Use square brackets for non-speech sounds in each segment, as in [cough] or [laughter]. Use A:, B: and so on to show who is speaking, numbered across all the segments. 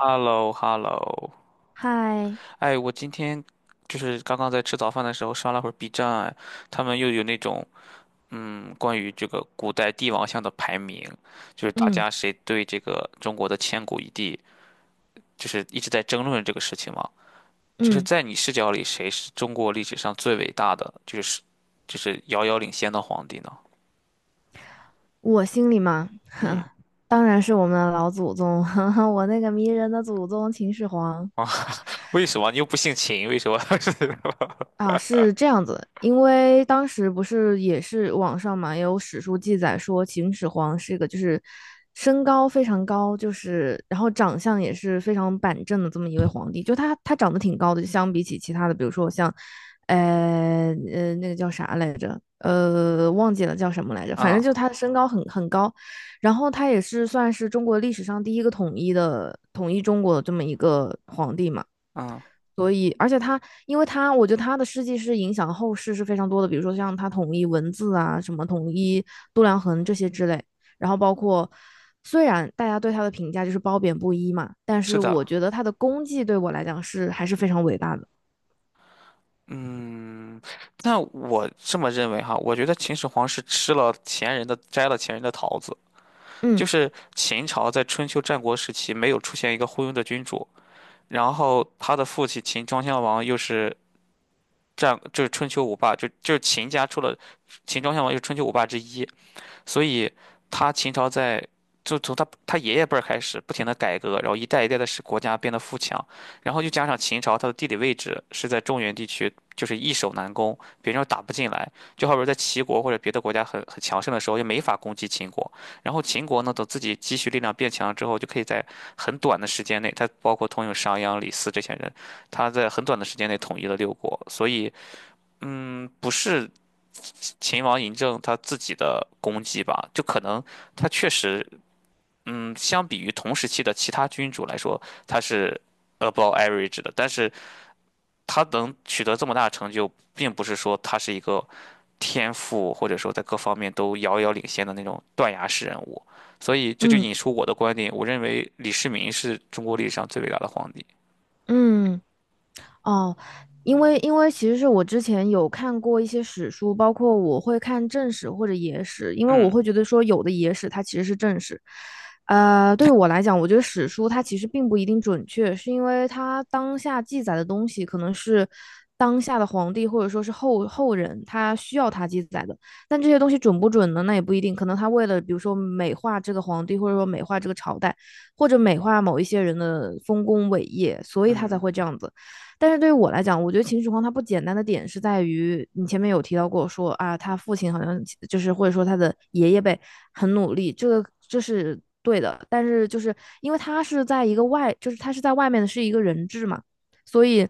A: h e l l o h e l l o
B: 嗨，
A: 哎，我今天就是刚刚在吃早饭的时候刷了会儿 B 站啊，哎他们又有那种关于这个古代帝王像的排名，就是大
B: 嗯
A: 家谁对这个中国的千古一帝，就是一直在争论这个事情嘛。就是
B: 嗯，
A: 在你视角里，谁是中国历史上最伟大的，就是遥遥领先的皇帝呢？
B: 我心里嘛，[laughs] 当然是我们的老祖宗，[laughs] 我那个迷人的祖宗秦始皇。
A: [laughs] 啊，为什么你又不姓秦？为什么？[laughs] 是。
B: 啊，是这样子，因为当时不是也是网上嘛，也有史书记载说秦始皇是一个就是身高非常高，就是然后长相也是非常板正的这么一位皇帝，就他长得挺高的，就相比起其他的，比如说像，那个叫啥来着，忘记了叫什么来着，反正
A: 嗯
B: 就他的身高很高，然后他也是算是中国历史上第一个统一中国的这么一个皇帝嘛。
A: 嗯。
B: 所以，而且他，因为他，我觉得他的事迹是影响后世是非常多的，比如说像他统一文字啊，什么统一度量衡这些之类，然后包括虽然大家对他的评价就是褒贬不一嘛，但
A: 是
B: 是
A: 的。
B: 我觉得他的功绩对我来讲是还是非常伟大的。
A: 嗯，那我这么认为哈，我觉得秦始皇是吃了前人的，摘了前人的桃子。就
B: 嗯
A: 是秦朝在春秋战国时期没有出现一个昏庸的君主，然后他的父亲秦庄襄王又是就是春秋五霸，就是秦家出了秦庄襄王又是春秋五霸之一，所以他秦朝在就从他爷爷辈儿开始不停的改革，然后一代一代的使国家变得富强，然后又加上秦朝它的地理位置是在中原地区，就是易守难攻，别人又打不进来，就好比在齐国或者别的国家很强盛的时候，就没法攻击秦国，然后秦国呢，等自己积蓄力量变强之后，就可以在很短的时间内，他包括通用商鞅、李斯这些人，他在很短的时间内统一了六国，所以不是。秦王嬴政他自己的功绩吧，就可能他确实，嗯，相比于同时期的其他君主来说，他是 above average 的，但是他能取得这么大的成就，并不是说他是一个天赋或者说在各方面都遥遥领先的那种断崖式人物，所以这就
B: 嗯
A: 引出我的观点，我认为李世民是中国历史上最伟大的皇帝。
B: 嗯，哦，因为其实是我之前有看过一些史书，包括我会看正史或者野史，因为我
A: 嗯
B: 会觉得说有的野史它其实是正史。对于我来讲，我觉得史书它其实并不一定准确，是因为它当下记载的东西可能是当下的皇帝或者说是后人他需要他记载的，但这些东西准不准呢？那也不一定，可能他为了比如说美化这个皇帝，或者说美化这个朝代，或者美化某一些人的丰功伟业，所以他才
A: 嗯。
B: 会这样子。但是对于我来讲，我觉得秦始皇他不简单的点是在于，你前面有提到过说啊，他父亲好像就是或者说他的爷爷辈很努力，这是对的。但是就是因为他是在一个外，就是他是在外面的是一个人质嘛，所以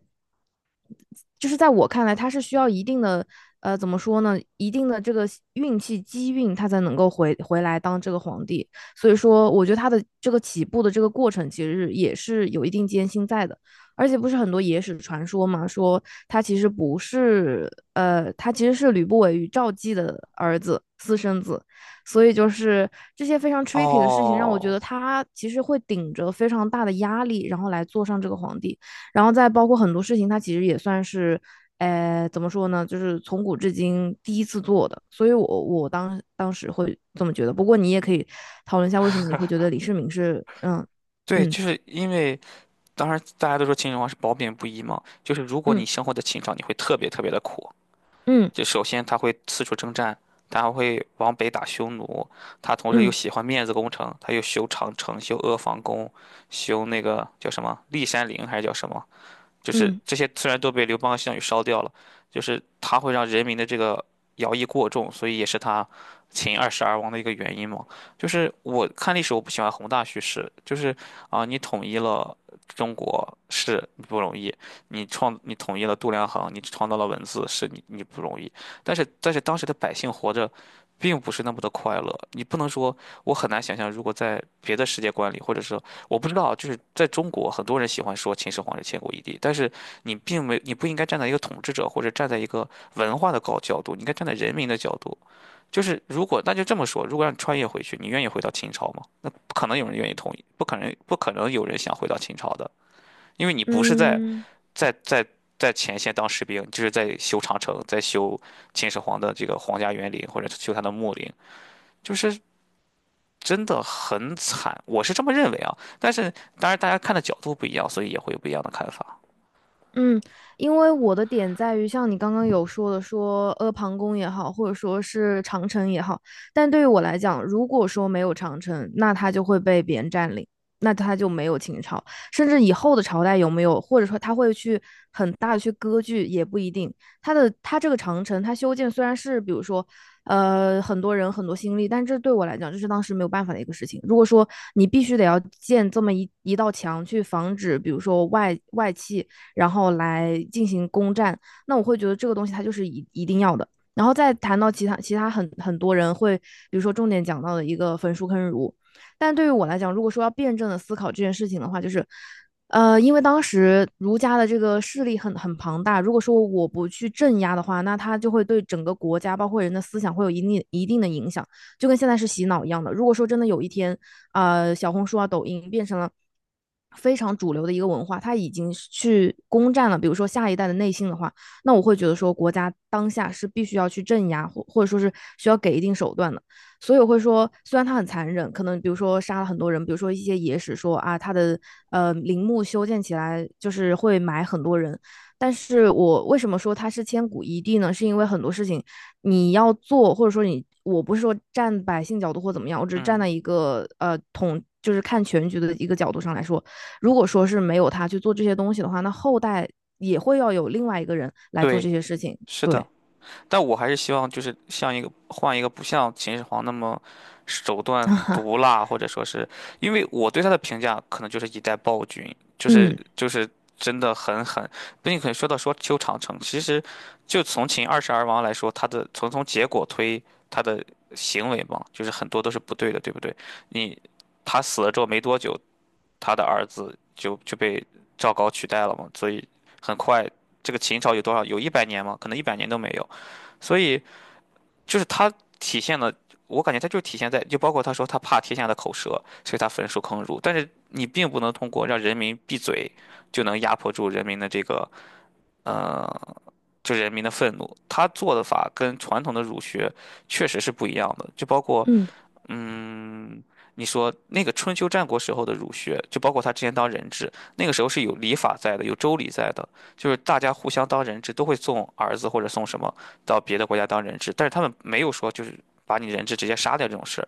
B: 就是在我看来，他是需要一定的怎么说呢，一定的这个运气机运，他才能够回来当这个皇帝。所以说，我觉得他的这个起步的这个过程，其实也是有一定艰辛在的。而且不是很多野史传说嘛，说他其实不是，他其实是吕不韦与赵姬的儿子，私生子，所以就是这些非常 tricky 的事情，让我觉
A: 哦。
B: 得他其实会顶着非常大的压力，然后来坐上这个皇帝。然后再包括很多事情，它其实也算是，怎么说呢，就是从古至今第一次做的，所以我当时会这么觉得。不过你也可以讨论一下，为什么你会觉得李世民是，嗯
A: 对，
B: 嗯
A: 就是因为。当然，大家都说秦始皇是褒贬不一嘛，就是如果你
B: 嗯
A: 生活在秦朝，你会特别特别的苦。
B: 嗯
A: 就首先他会四处征战，他还会往北打匈奴，他同时又
B: 嗯
A: 喜欢面子工程，他又修长城、修阿房宫、修那个叫什么骊山陵还是叫什么？
B: 嗯嗯。
A: 就是
B: 嗯嗯
A: 这些虽然都被刘邦和项羽烧掉了，就是他会让人民的这个徭役过重，所以也是他秦二世而亡的一个原因嘛。就是我看历史，我不喜欢宏大叙事，就是啊，你统一了中国是你不容易，你创你统一了度量衡，你创造了文字是你不容易，但是当时的百姓活着。并不是那么的快乐，你不能说我很难想象，如果在别的世界观里，或者是我不知道，就是在中国，很多人喜欢说秦始皇是千古一帝，但是你并没，你不应该站在一个统治者或者站在一个文化的高角度，你应该站在人民的角度。就是如果那就这么说，如果让你穿越回去，你愿意回到秦朝吗？那不可能有人愿意同意，不可能，不可能有人想回到秦朝的，因为你不是在
B: 嗯
A: 在在前线当士兵，你就是在修长城，在修秦始皇的这个皇家园林或者修他的墓陵，就是真的很惨，我是这么认为啊。但是当然大家看的角度不一样，所以也会有不一样的看法。
B: 嗯，因为我的点在于，像你刚刚有说的说，阿房宫也好，或者说是长城也好，但对于我来讲，如果说没有长城，那它就会被别人占领，那它就没有秦朝，甚至以后的朝代有没有，或者说它会去很大的去割据也不一定。它这个长城，它修建虽然是比如说，很多人很多心力，但这对我来讲，这是当时没有办法的一个事情。如果说你必须得要建这么一道墙去防止，比如说外戚。然后来进行攻占。那我会觉得这个东西它就是一定要的。然后再谈到其他很多人会，比如说重点讲到的一个焚书坑儒，但对于我来讲，如果说要辩证的思考这件事情的话，就是，因为当时儒家的这个势力很庞大，如果说我不去镇压的话，那它就会对整个国家包括人的思想会有一定的影响。就跟现在是洗脑一样的。如果说真的有一天，小红书啊、抖音变成了非常主流的一个文化，它已经去攻占了，比如说下一代的内心的话，那我会觉得说国家当下是必须要去镇压，或者说是需要给一定手段的。所以我会说，虽然它很残忍，可能比如说杀了很多人，比如说一些野史说啊，它的陵墓修建起来就是会埋很多人。但是我为什么说它是千古一帝呢？是因为很多事情你要做，或者说你，我不是说站百姓角度或怎么样，我只是站
A: 嗯。
B: 在一个就是看全局的一个角度上来说，如果说是没有他去做这些东西的话，那后代也会要有另外一个人来做
A: 对，
B: 这些事情。
A: 是的。
B: 对，
A: 但我还是希望就是像一个换一个不像秦始皇那么手段
B: [laughs]
A: 毒辣，或者说是因为我对他的评价可能就是一代暴君，就是
B: 嗯
A: 就是真的很狠。可且说到说修长城，其实就从秦二世而亡来说，他的从结果推他的行为嘛，就是很多都是不对的，对不对？你他死了之后没多久，他的儿子就被赵高取代了嘛，所以很快这个秦朝有多少？有一百年吗？可能一百年都没有。所以就是他体现了，我感觉他就体现在，就包括他说他怕天下的口舌，所以他焚书坑儒。但是你并不能通过让人民闭嘴，就能压迫住人民的这个呃，就人民的愤怒。他做的法跟传统的儒学确实是不一样的，就包括
B: 嗯
A: 嗯，你说那个春秋战国时候的儒学，就包括他之前当人质，那个时候是有礼法在的，有周礼在的，就是大家互相当人质都会送儿子或者送什么到别的国家当人质，但是他们没有说就是把你人质直接杀掉这种事儿，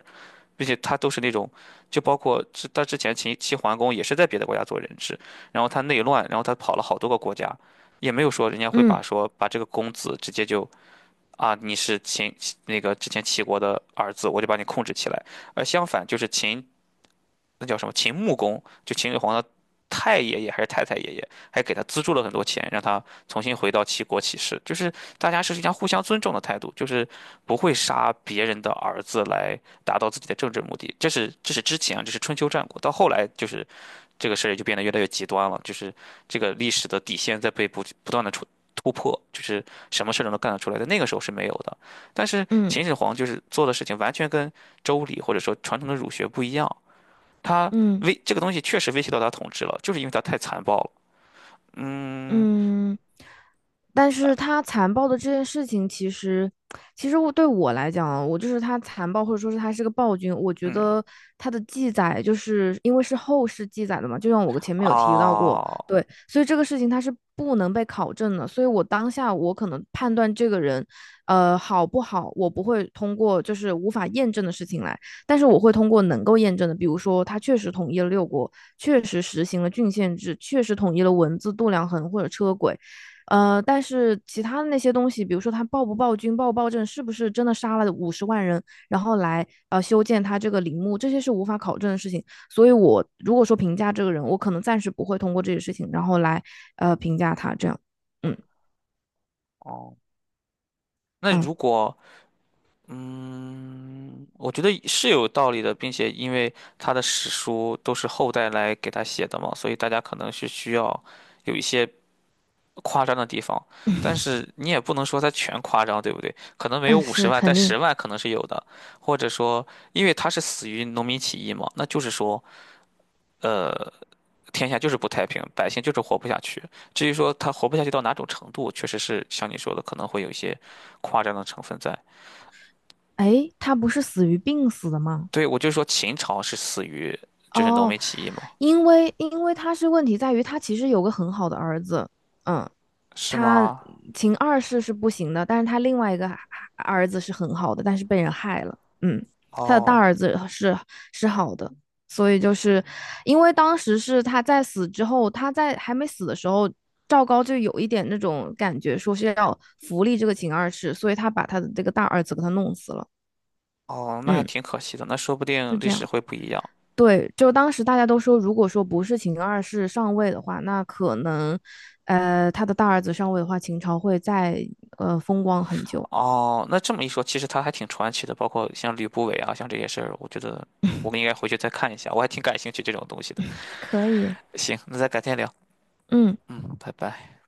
A: 并且他都是那种，就包括他之前秦齐桓公也是在别的国家做人质，然后他内乱，然后他跑了好多个国家，也没有说人家会把
B: 嗯
A: 说把这个公子直接就啊，你是秦那个之前齐国的儿子，我就把你控制起来。而相反，就是秦那叫什么秦穆公，就秦始皇的太爷爷还是太太爷爷，还给他资助了很多钱，让他重新回到齐国起事。就是大家是一样互相尊重的态度，就是不会杀别人的儿子来达到自己的政治目的。这是之前啊这是春秋战国，到后来就是这个事儿就变得越来越极端了，就是这个历史的底线在被不断的突破，就是什么事儿都能干得出来，在那个时候是没有的。但是
B: 嗯
A: 秦始皇就是做的事情完全跟周礼或者说传统的儒学不一样，他
B: 嗯。
A: 这个东西确实威胁到他统治了，就是因为他太残暴了。嗯
B: 嗯，但是他残暴的这件事情，其实对我来讲啊，我就是他残暴，或者说是他是个暴君。我觉
A: 嗯。
B: 得他的记载，就是因为是后世记载的嘛，就像我前面有提到过，
A: 啊。
B: 对，所以这个事情他是不能被考证的。所以我当下我可能判断这个人，好不好，我不会通过就是无法验证的事情来。但是我会通过能够验证的，比如说他确实统一了六国，确实实行了郡县制，确实统一了文字、度量衡或者车轨，但是其他的那些东西，比如说他暴不暴君、暴不暴政，是不是真的杀了50万人，然后来修建他这个陵墓，这些是无法考证的事情。所以我如果说评价这个人，我可能暂时不会通过这些事情，然后来评价他这样。嗯
A: 哦。那如
B: 嗯
A: 果嗯，我觉得是有道理的，并且因为他的史书都是后代来给他写的嘛，所以大家可能是需要有一些。夸张的地方，但是你也不能说它全夸张，对不对？可能没有
B: 嗯，
A: 五十
B: 是
A: 万，但
B: 肯定。
A: 十万可能是有的。或者说，因为他是死于农民起义嘛，那就是说，呃，天下就是不太平，百姓就是活不下去。至于说他活不下去到哪种程度，确实是像你说的，可能会有一些夸张的成分在。
B: 哎，他不是死于病死的吗？
A: 对，我就说秦朝是死于就是农
B: 哦，
A: 民起义嘛，
B: 因为他是问题在于他其实有个很好的儿子，嗯，
A: 是
B: 他
A: 吗？
B: 秦二世是不行的，但是他另外一个儿子是很好的，但是被人害了，嗯，他的大
A: 哦
B: 儿子是好的，所以就是因为当时是他在死之后，他在还没死的时候，赵高就有一点那种感觉，说是要扶立这个秦二世，所以他把他的这个大儿子给他弄死了，
A: 哦，那还
B: 嗯，
A: 挺可惜的，那说不
B: 是
A: 定历
B: 这
A: 史
B: 样。
A: 会不一样。
B: 对，就当时大家都说，如果说不是秦二世上位的话，那可能，他的大儿子上位的话，秦朝会再风光很久。
A: 哦，那这么一说，其实他还挺传奇的，包括像吕不韦啊，像这些事儿，我觉得我们应该回去再看一下，我还挺感兴趣这种东西的。
B: 可以，
A: 行，那咱改天聊，
B: 嗯。
A: 嗯，拜拜。